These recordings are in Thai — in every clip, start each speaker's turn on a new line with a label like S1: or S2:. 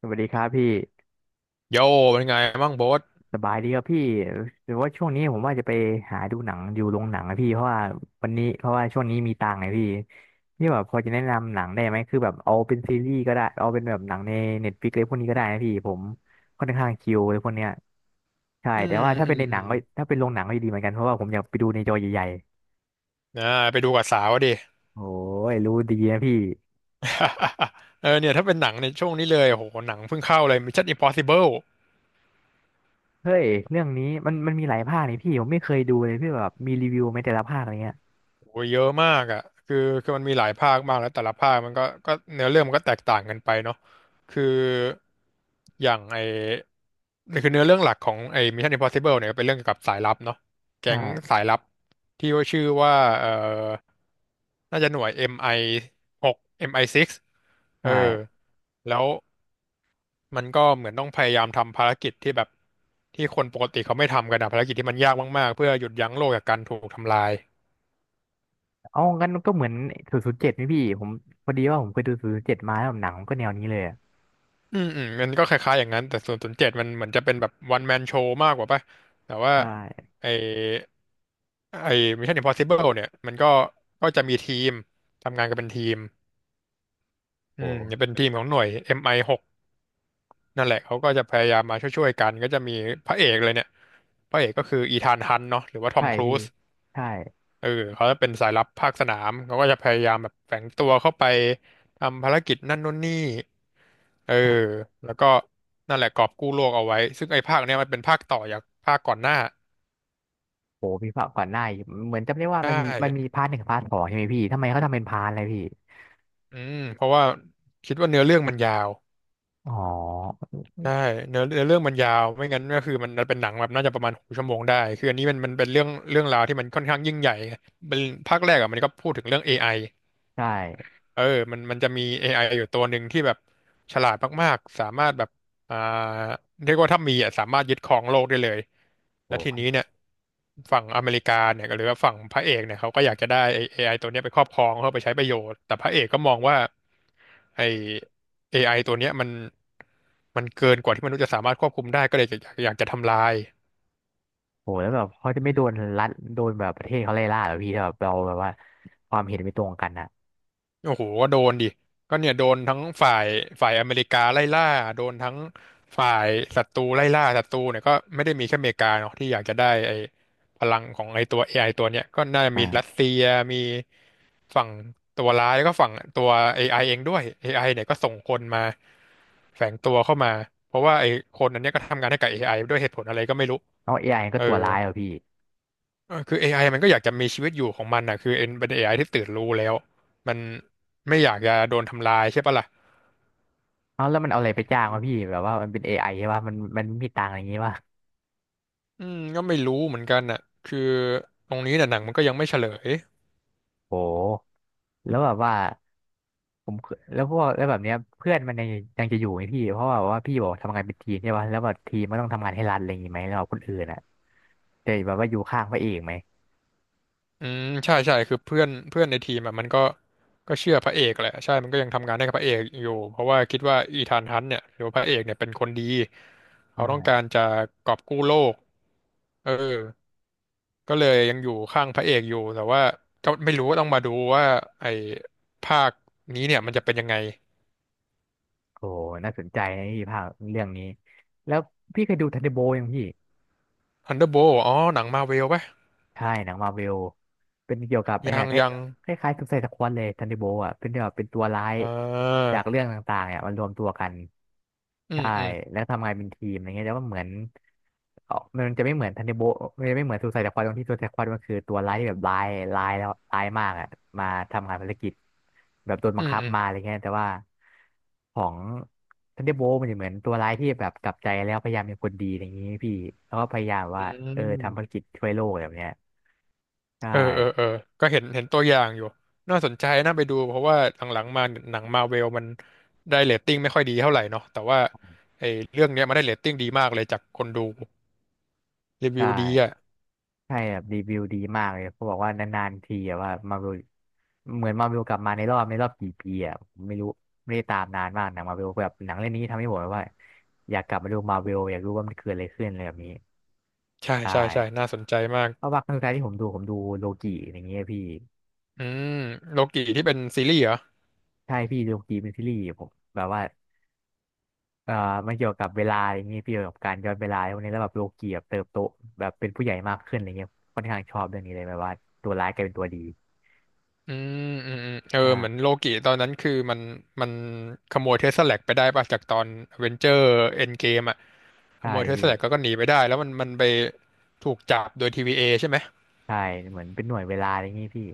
S1: สวัสดีครับพี่
S2: โยเป็นไงบ้างโบ๊ท
S1: สบายดีครับพี่หรือว่าช่วงนี้ผมว่าจะไปหาดูหนังอยู่โรงหนังนะพี่เพราะว่าวันนี้เพราะว่าช่วงนี้มีตังค์ไงพี่พี่แบบพอจะแนะนำหนังได้ไหมคือแบบเอาเป็นซีรีส์ก็ได้เอาเป็นแบบหนังในเน็ตฟลิกอะไรพวกนี้ก็ได้นะพี่ผมค่อนข้างคิวเลยพวกเนี้ยใช่
S2: อื
S1: แต่
S2: ม
S1: ว่าถ้า
S2: อื
S1: เป็น
S2: ม
S1: ใน
S2: อื
S1: หนั
S2: ม
S1: งก็ถ้าเป็นโรงหนังก็ดีเหมือนกันเพราะว่าผมอยากไปดูในจอใหญ่
S2: อ่าไปดูกับสาวดิ
S1: ๆโอ้ยรู้ดีนะพี่
S2: เออเนี่ยถ้าเป็นหนังในช่วงนี้เลยโหหนังเพิ่งเข้าเลย Mission Impossible
S1: เฮ้ยเรื่องนี้มันมีหลายภาคนี่พี่ผมไม่เคยดูเลยพี่แบบมีรีวิวไหมแต่ละภาคอะไรเงี้ย
S2: โหเยอะมากอ่ะคือคือมันมีหลายภาคมากแล้วแต่ละภาคมันก็เนื้อเรื่องมันก็แตกต่างกันไปเนาะคืออย่างไอคือเนื้อเรื่องหลักของไอ Mission Impossible เนี่ยก็เป็นเรื่องเกี่ยวกับสายลับเนาะแก๊ง
S1: ใช่
S2: สายลับที่ว่าชื่อว่าเออน่าจะหน่วย MI 6 MI 6เอมไอหกเออ
S1: ใช่
S2: แล้ว มันก็เหมือนต้องพยายามทำภารกิจที่แบบที่คนปกติเขาไม่ทำกันอะภารกิจที่มันยากมากๆเพื่อหยุดยั้งโลกจากการถูกทำลาย
S1: เอางั้นก็เหมือนศูนย์ศูนย์เจ็ดไี่พี่ผมพอดีว่าผมเคยดูศูนย์ศูนย์เจ็ดมาแล้วหนังมันก็แนวนี้เลยอะ
S2: อืมอืมมันก็คล้ายๆอย่างนั้นแต่ส่วนศูนย์เจ็ดมันเหมือนจะเป็นแบบวันแมนโชว์มากกว่าป่ะแต่ว่า
S1: ใช่
S2: ไอไอ Mission Impossible เนี่ยมันก็จะมีทีมทำงานกันเป็นทีมอื
S1: โอ
S2: มจะเป็น
S1: ้
S2: ทีมของหน่วย MI6 นั่นแหละเขาก็จะพยายามมาช่วยๆกันก็จะมีพระเอกเลยเนี่ยพระเอกก็คืออีธานฮันต์เนาะหรือว่าทอ
S1: ใช่
S2: มครู
S1: พี่
S2: ซ
S1: ใช่
S2: เออเขาจะเป็นสายลับภาคสนามเขาก็จะพยายามแบบแฝงตัวเข้าไปทำภารกิจนั่นนู่นนี่เออแล้วก็นั่นแหละกอบกู้โลกเอาไว้ซึ่งไอ้ภาคเนี้ยมันเป็นภาคต่อจากภาคก่อนหน้า
S1: โอ้พี่ภาคก่อนหน้าอีกเหมือนจำได้ว่า
S2: ใช่
S1: มันมีพาร์ทหนึ่งพาร์ทสองใช่ไหมพี่ทำไมเขาทำเป็นพาร์ทอะไรพี่
S2: อืมเพราะว่าคิดว่าเนื้อเรื่องมันยาว
S1: อ๋อ
S2: ใช่เนื้อเรื่องมันยาวไม่งั้นก็คือมันเป็นหนังแบบน่าจะประมาณหกชั่วโมงได้คืออันนี้มันเป็นเรื่องราวที่มันค่อนข้างยิ่งใหญ่ไงเป็นภาคแรกอะมันก็พูดถึงเรื่องเอไอ
S1: ใช่
S2: เออมันจะมี AI อไออยู่ตัวหนึ่งที่แบบฉลาดมากๆ สามารถแบบอ่าเรียกว่าถ้ามีอ่ะสามารถยึดครองโลกได้เลย
S1: โอ
S2: แล้วที
S1: ้
S2: นี้เนี่ยฝั่งอเมริกาเนี่ยหรือว่าฝั่งพระเอกเนี่ยเขาก็อยากจะได้ไอ้ AI ตัวเนี้ยไปครอบครองเพื่อไปใช้ประโยชน์แต่พระเอกก็มองว่าไอ้ AI ตัวเนี้ยมันเกินกว่าที่มนุษย์จะสามารถควบคุมได้ก็เลยอยากจะทำลาย
S1: โหแล้วแบบเขาจะไม่โดนรัฐโดนแบบประเทศเขาไล่ล่าเหรอพี่ถ้าแบบเราแบบว่าความเห็นไม่ตรงกันอะ
S2: โอ้โหก็โดนดิก็เนี่ยโดนทั้งฝ่ายอเมริกาไล่ล่าโดนทั้งฝ่ายศัตรูไล่ล่าศัตรูเนี่ยก็ไม่ได้มีแค่อเมริกาเนาะที่อยากจะได้ไอ้พลังของไอ้ตัวเอไอตัวเนี่ยก็น่าจะมีรัส
S1: ใช่
S2: เซียมีฝั่งตัวร้ายแล้วก็ฝั่งตัว AI เองด้วย AI เนี่ยก็ส่งคนมาแฝงตัวเข้ามาเพราะว่าไอ้คนอันเนี้ยก็ทำงานให้กับ AI ด้วยเหตุผลอะไรก็ไม่รู้
S1: เอาเอไอก็
S2: เออ
S1: ตัวร้ายเหรอพี่
S2: เออคือ AI มันก็อยากจะมีชีวิตอยู่ของมันนะคือเอ็นเป็น AI ที่ตื่นรู้แล้วมันไม่อยากจะโดนทำลายใช่ปะล่ะ
S1: เอาแล้วมันเอาอะไรไปจ้างวะพี่แบบว่ามันเป็นเอไอใช่ป่ะมันไมมีตังค์อะไรอย่างงี้ป่ะ
S2: อืมก็ไม่รู้เหมือนกันน่ะคือตรงนี้น่ะหนังมันก็ยังไม่เฉลย
S1: โหแล้วแบบว่า ผมเคยแล้วพวกแล้วแบบเนี้ยเพื่อนมันยังจะอยู่ไหมพี่เพราะว่าแบบว่าพี่บอกทำงานเป็นทีมใช่ป่ะแล้วแบบทีมมันต้องทำงานให้รัฐอะไรอย่างงี้ไหมแล้วแบบคนอื่นอ่ะจะแบบว่าอยู่ข้างพระเอกไหม
S2: อืมใช่ใช่คือเพื่อนเพื่อนในทีมอ่ะมันก็เชื่อพระเอกแหละใช่มันก็ยังทำงานให้กับพระเอกอยู่เพราะว่าคิดว่าอีธานฮันต์เนี่ยหรือว่าพระเอกเนี่ยเป็นคนดีเขาต้องกา
S1: ใช่
S2: รจะกอบกู้โลกเออ ก็เลยยังอยู่ข้างพระเอกอยู่แต่ว่าก็ไม่รู้ว่าต้องมาดูว่าไอ้ภาคนี้เนี่ยมันจะเป็นยังไง
S1: โอ้น่าสนใจนะพี่ภาคเรื่องนี้แล้วพี่เคยดูทันเดอร์โบลยังพี่
S2: Thunderbolt อ๋อหนังมาเวลปะ
S1: ใช่หนังมาเวล เป็นเกี่ยวกับไอ
S2: ยั
S1: เนี่
S2: ง
S1: ย
S2: ยัง
S1: คล้ายคล้ายๆสุไซด์สควอดเลยทันนิโบอ่ะเป็นแบบเป็นตัวร้าย
S2: อ่า
S1: จากเรื่องต่างๆเนี่ยมันรวมตัวกัน
S2: อืม
S1: ใช่
S2: อืม
S1: แล้วทำงานเป็นทีมอะไรเงี้ยแล้วก็เหมือนเออมันจะไม่เหมือนทันนิโบมันจะไม่เหมือนสุไซด์สควอดตรงที่ซูไซด์สควอดมันคือตัวร้ายที่แบบร้ายมากอ่ะมาทำงานภารกิจแบบโดน
S2: อื
S1: บัง
S2: ม
S1: คับ
S2: อืม
S1: มาอะไรเงี้ยแต่ว่าของทันนิโบมันจะเหมือนตัวร้ายที่แบบกลับใจแล้วพยายามเป็นคนดีอะไรอย่างงี้พี่แล้วก็พยายาม
S2: อื
S1: ว่าเออทำภาร
S2: ม
S1: กิจช่วยโลกแบบเนี้ยใช่
S2: เออก็เห็นตัวอย่างอยู่น่าสนใจน่าไปดูเพราะว่าหลังๆมาหนังมาเวลมันได้เรตติ้งไม่ค่อยดีเท่าไหร่เนาะแต่ว่าไอ้เรื่องเนี้ยมันได้เรตติ้งดีมากเลยจากคนดูรี
S1: ใช
S2: วิวดีอ่ะ
S1: ่ใช่แบบรีวิวดีมากเลยเขาบอกว่านานๆทีอะว่ามาวิวเหมือนมาวิวกลับมาในรอบในรอบกี่ปีอะผมไม่รู้ไม่ได้ตามนานมากหนังมาวิวแบบหนังเรื่องนี้ทำให้ผมแบบว่าอยากกลับมาดูมาวิวอยากรู้ว่ามันเกิดอะไรขึ้นอะไรแบบนี้
S2: ใช่
S1: ใช่
S2: ใช่ใช่น่าสนใจมาก
S1: เพราะว่าครั้งสุดท้ายที่ผมดูโลกิอย่างเงี้ยพี่
S2: อืมโลกิที่เป็นซีรีส์เหรอ
S1: ใช่พี่โลกิเป็นซีรีส์ผมแบบว่าเออมันเกี่ยวกับเวลาอย่างเงี้ยพี่เกี่ยวกับการย้อนเวลาพวกนี้แล้วแบบโลกิแบบเติบโตแบบเป็นผู้ใหญ่มากขึ้นอะไรเงี้ยค่อนข้างชอบเรื่องนี้เลยแบบว่าตัวร้ายกลายเป็นตัวดี
S2: อืมอืมอืมเออเหมือน
S1: ใช่
S2: โลกิตอนนั้นคือมันขโมยเทสลาแลกไปได้ป่ะจากตอนเวนเจอร์เอ็นเกมอ่ะข
S1: ใช่
S2: โมยเทส
S1: พี่
S2: ลาแลกก็หนีไปได้แล้วมันไปถูกจับโดย TVA ใช่ไหม
S1: ใช่เหมือนเป็นหน่วยเวลาอะไรอย่างงี้พี่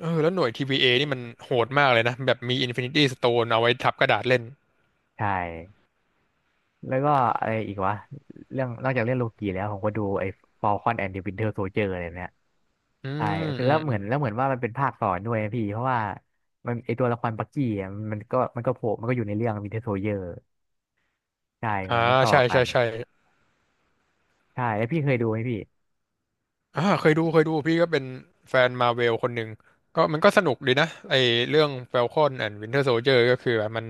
S2: เออแล้วหน่วย TVA นี่มันโหดมากเลยนะแบบมีอินฟินิตี้สโตนเอาไว้ทับกระดาษเล่น
S1: ใช่แล้วก็อะไรอีกวะเรื่องนอกจากเรื่องโลกีแล้วผมก็ดูไอ้ Falcon and the Winter Soldier อะไรเนี่ย
S2: อื
S1: ใช่
S2: มอื
S1: แล้
S2: ม
S1: วเห
S2: อื
S1: มือนแล้
S2: ม
S1: วเหมือนว่ามันเป็นภาคต่อด้วยนะพี่เพราะว่ามันไอตัวละครบักกี้อะมันก็โผล่มันก็อยู่ในเรื่อง Winter Soldier ใช่เห
S2: อ่า
S1: มือนมันต่อ
S2: ใช่
S1: กั
S2: ใช่
S1: น
S2: ใช่
S1: ใช่แล้วพี่เคยดูไหมพี่
S2: เคยดูพี่ก็เป็นแฟนมาเวลคนหนึ่งก็มันก็สนุกดีนะไอเรื่อง Falcon and Winter Soldier ก็คือแบบมัน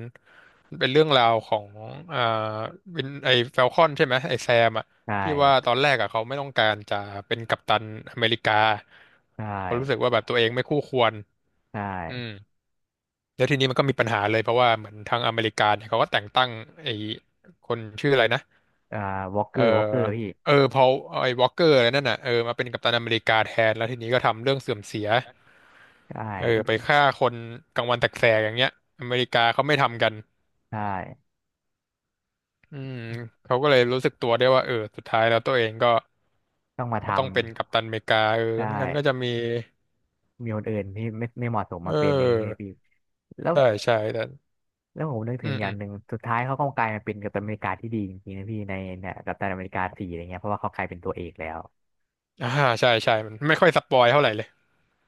S2: มันเป็นเรื่องราวของอ่าวินไอแฟลคอนใช่ไหมไอแซมอะ
S1: ใช
S2: ที่ว่าต
S1: ่
S2: อนแรกอะเขาไม่ต้องการจะเป็นกัปตันอเมริกา
S1: ใช
S2: เขาะรู้สึก
S1: ่
S2: ว่าแบบตัวเองไม่คู่ควร
S1: ใช
S2: อืม
S1: ่
S2: แล้วทีนี้มันก็มีปัญหาเลยเพราะว่าเหมือนทางอเมริกาเนี่ยเขาก็แต่งตั้งไอคนชื่ออะไรนะ
S1: อ่าวอล์กเก
S2: เอ
S1: อ
S2: อ
S1: ร์วอล์กเกอร์พี่
S2: เออพอไอวอลเกอร์อะไรนั่นน่ะเออมาเป็นกัปตันอเมริกาแทนแล้วทีนี้ก็ทำเรื่องเสื่อมเสีย
S1: ใช่
S2: เออไปฆ่าคนกลางวันแสกๆอย่างเงี้ยอเมริกาเขาไม่ทำกัน
S1: ใช่
S2: อืมเขาก็เลยรู้สึกตัวได้ว่าเออสุดท้ายแล้วตัวเองก็
S1: ต้องมาท
S2: ต้องเป็นกัปตันอเมริกาเออ
S1: ำใช่
S2: ไม่งั้นก็จะมี
S1: มีคนอื่นที่ไม่เหมาะสม
S2: เ
S1: มาเป็นอย่างนี้เลย
S2: ออ
S1: พี่แล้ว
S2: ใช่ใช่แต่
S1: แล้วผมนึก
S2: อื
S1: ถึง
S2: ม
S1: อ
S2: อื
S1: ย่าง
S2: ม
S1: หนึ่งสุดท้ายเขาก็กลายมาเป็นกัปตันอเมริกาที่ดีจริงๆนะพี่ในเนี่ยกัปตันอเมริกาสี่อะไรเงี้ยเพราะว่าเขากลายเป็นตัวเอกแล้ว
S2: อ่าใช่ใช่มันไม่ค่อยสปอยเท่าไหร่เลย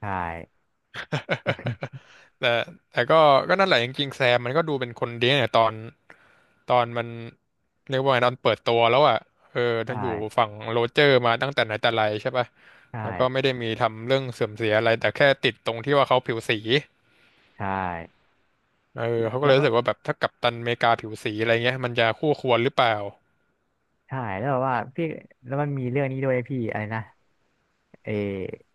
S1: ใช่
S2: แต่แต่ก็ก็นั่นแหละจริงๆแซมมันก็ดูเป็นคนดีเนี่ยตอนตอนมันเรียกว่าไงตอนเปิดตัวแล้วอ่ะเออ
S1: ใช
S2: ทั้งอยู่
S1: ่
S2: ฝั่งโรเจอร์มาตั้งแต่ไหนแต่ไรใช่ป่ะ
S1: ใช่
S2: แล้วก็ไม่ได้มีทำเรื่องเสื่อมเสียอะไรแต่แค่ติดตรงที่ว่าเขาผิวสี
S1: ใช่
S2: เออ
S1: แล้ว
S2: เขาก็
S1: แล้
S2: เล
S1: ว
S2: ย
S1: ก็
S2: รู้สึกว่าแบบถ้ากัปตันอเมริกาผิวสีอะไรเงี้ยมันจะคู่ควรหรือเปล่า
S1: ใช่แล้วแบบว่าพี่แล้วมันมีเรื่องนี้ด้วยพี่อะไรนะเออ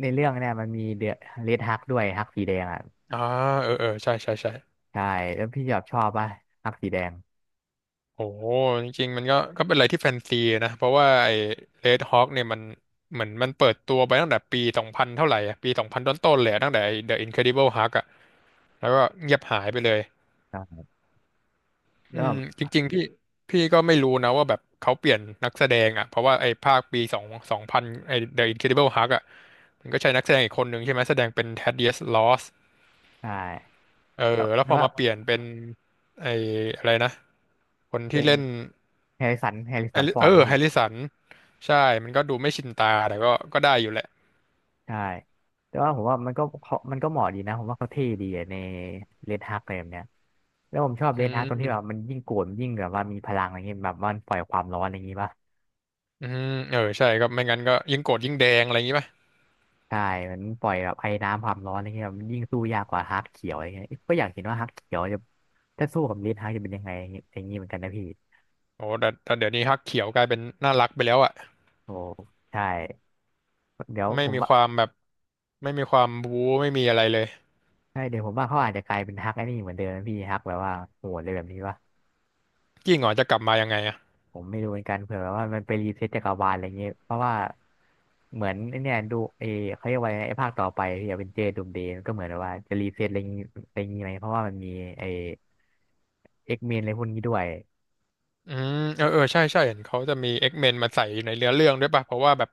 S1: ในเรื่องเนี่ยมันมีเดอะเรดฮักด้วยฮักสีแดงอ่ะ
S2: อ่าเออเออใช่ใช่ใช่
S1: ใช่แล้วพี่ชอบชอบป่ะฮักสีแดง
S2: โอ้โหจริงๆมันก็ก็เป็นอะไรที่แฟนซีนะเพราะว่าไอ้เรดฮอคเนี่ยมันเหมือนมันเปิดตัวไปตั้งแต่ปีสองพันเท่าไหร่อะปีสองพันต้นๆเลยอะตั้งแต่ไอ้ The Incredible Hulk อะแล้วก็เงียบหายไปเลย
S1: แล้ว
S2: อืม
S1: แบบ
S2: จริงๆพี่ก็ไม่รู้นะว่าแบบเขาเปลี่ยนนักแสดงอะเพราะว่าไอ้ภาคปีสองสองพันไอ้ The Incredible Hulk อะมันก็ใช้นักแสดงอีกคนหนึ่งใช่ไหมแสดงเป็น Thaddeus Ross
S1: ใช่
S2: เออ
S1: แล้ว
S2: แล้ว
S1: แล้
S2: พ
S1: ว
S2: อ
S1: ว่า
S2: มาเปลี่ยนเป็นไอ้อะไรนะคนที่
S1: เป็น
S2: เล่น
S1: แฮร์ริสันฟ อ
S2: เอ
S1: ร์ด
S2: อ
S1: พี่
S2: แฮร์ริสันใช่มันก็ดูไม่ชินตาแต่ก็ก็ได้อยู่แหละ
S1: ใช่แต่ว่าผมว่ามันก็เขามันก็เหมาะดีนะผมว่าเขาเท่ดีอะในเรดฮักอะไรแบบเนี้ยแล้วผมชอบ
S2: อื
S1: เรดฮักตรงที่แบบมั
S2: ม
S1: นยิ่งโกรธมันยิ่งแบบว่ามีพลังอะไรเงี้ยแบบว่ามันปล่อยความร้อนอะไรอย่างงี้ป่ะ
S2: อืมเออใช่ก็ไม่งั้นก็ยิ่งโกรธยิ่งแดงอะไรอย่างงี้ป่ะ
S1: ใช่มันปล่อยแบบไอ้น้ำความร้อนอะไรเงี้ยมันยิ่งสู้ยากกว่าฮักเขียวอะไรเงี้ยก็อยากเห็นว่าฮักเขียวจะถ้าสู้กับเรดฮักจะเป็นยังไงอย่างงี้อย่างงี้เหมือนกันนะพี่
S2: โอ้แต่แต่เดี๋ยวนี้ฮักเขียวกลายเป็นน่ารักไปแล้วอ่ะ
S1: โอ้ใช่เดี๋ยว
S2: ไม่
S1: ผม
S2: มี
S1: ว่า
S2: ความแบบไม่มีความบู๊ไม่มีอะไรเลย
S1: ใช่เดี๋ยวผมว่าเขาอาจจะกลายเป็นฮักไอ้นี่เหมือนเดิมนะพี่ฮักแบบว่าโหดเลยแบบนี้ป่ะ
S2: ยิ่งเหรอจะกลับมายังไงอ่ะ
S1: ผมไม่รู้เหมือนกันเผื่อแบบว่ามันไปรีเซ็ตจักรวาลอะไรเงี้ยเพราะว่าเหมือนไอ้เนี่ยดูเอเขาเรียกว่าไงไอ้ภาคต่อไปที่อเวนเจอร์ดูมเดย์มันก็เหมือนแบบว่าจะรีเซ็ตอะไรงี้อะไรงี้ไหมเพราะว่ามันมีไอ้เอ็กเมนอะไรพวกนี้ด้วย
S2: อืมเออเออใช่ใช่เห็นเขาจะมี X-Men มาใส่อยู่ในเนื้อเรื่องด้วยป่ะเพราะว่าแบบ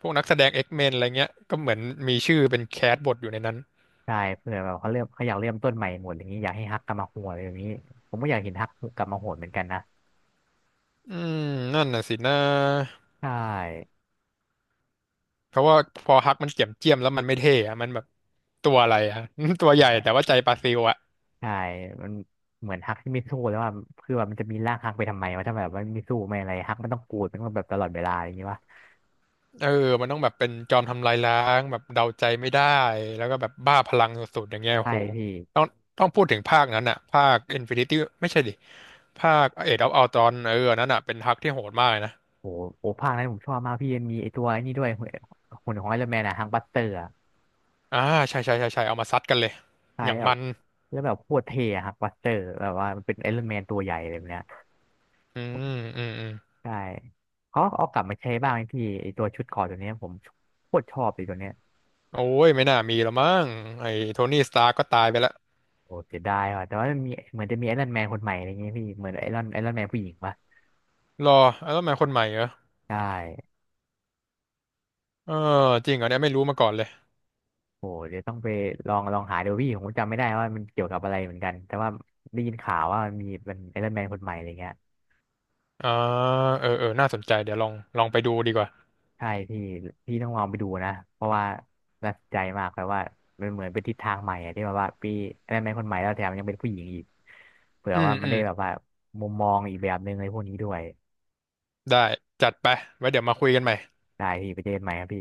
S2: พวกนักแสดง X-Men อะไรเงี้ยก็เหมือนมีชื่อเป็นแคสบทอยู่ในนั้น
S1: ใช่เผื่อแบบเขาเริ่มเขาอยากเริ่มต้นใหม่หมดอย่างนี้อยากให้ฮักกลับมาโหดอะไรอย่างนี้ผมก็อยากเห็นฮักกลับมาโหดเหมือนกันนะ
S2: อืมนั่นน่ะสินะ
S1: ใช่
S2: เพราะว่าพอฮักมันเจียมเจียมแล้วมันไม่เท่อะมันแบบตัวอะไรอะ ตัวใหญ่แต่ว่าใจปลาซิวอะ
S1: ใช่มันเหมือนฮักที่ไม่สู้แล้วว่าคือแบบมันจะมีร่างฮักไปทำไมวะถ้าแบบม่นไม่สู้ไม่อะไรฮักมันต้องกูดมันต้องแบบตลอดเวลาอย่างงี้วะ
S2: เออมันต้องแบบเป็นจอมทำลายล้างแบบเดาใจไม่ได้แล้วก็แบบบ้าพลังสุดๆอย่างเงี้ยโอ้
S1: ใช่
S2: โห
S1: พี่
S2: ต้องพูดถึงภาคนั้นอะภาค Infinity ไม่ใช่ดิภาค Age of Ultron เอออันนั่นอะเป็นฮักที่โหดมากเลยนะ
S1: โอ้โอ้ภาคนั้นผมชอบมากพี่ยังมีไอตัวไอ้นี่ด้วยหุ่นหุ่นของไอรอนแมนอะฮังบัสเตอร์อะ
S2: อ่าใช่ใช่ใช่ใช่เอามาซัดกันเลย
S1: ใช่
S2: อย่าง
S1: แบ
S2: มั
S1: บ
S2: น
S1: แล้วแบบโคตรเท่อะฮังบัสเตอร์แบบว่ามันเป็นไอรอนแมนตัวใหญ่เลยแบบเนี้ย
S2: อืมอืมอืม
S1: ใช่เขาเอากลับมาใช้บ้างไหมพี่ไอตัวชุดเกราะตัวเนี้ยผมโคตรชอบเลยตัวเนี้ย
S2: โอ้ยไม่น่ามีแล้วมั้งไอ้โทนี่สตาร์ก็ตายไปแล้ว
S1: โอ้เสียดายว่ะแต่ว่ามันมีเหมือนจะมีไอรอนแมนคนใหม่อะไรเงี้ยพี่เหมือนไอรอนแมนผู้หญิงปะ
S2: รอแล้วทำไมคนใหม่เหรอ
S1: ใช่
S2: เออจริงเหรอเนี่ยไม่รู้มาก่อนเลย
S1: โอ้เดี๋ยวต้องไปลองหาดูพี่ผมจำไม่ได้ว่ามันเกี่ยวกับอะไรเหมือนกันแต่ว่าได้ยินข่าวว่ามันมีเป็นไอรอนแมนคนใหม่อะไรเงี้ย
S2: อ่าเออเออน่าสนใจเดี๋ยวลองไปดูดีกว่า
S1: ใช่พี่พี่ต้องลองไปดูนะเพราะว่าน่าสนใจมากแบบว่ามันเหมือนเป็นทิศทางใหม่อะที่แบบว่าพี่ได้ไหมคนใหม่แล้วแถมยังเป็นผู้หญิงอีกเผื่อ
S2: อืม
S1: ว่ามั
S2: อื
S1: น
S2: ม
S1: ได้แบบว่ามุมมองอีกแบบหนึ่งในพวกนี้ด้วย
S2: ได้จัดไปไว้เดี๋ยวมาคุยกันใหม่
S1: ได้พี่ไปเจอกันใหม่ครับพี่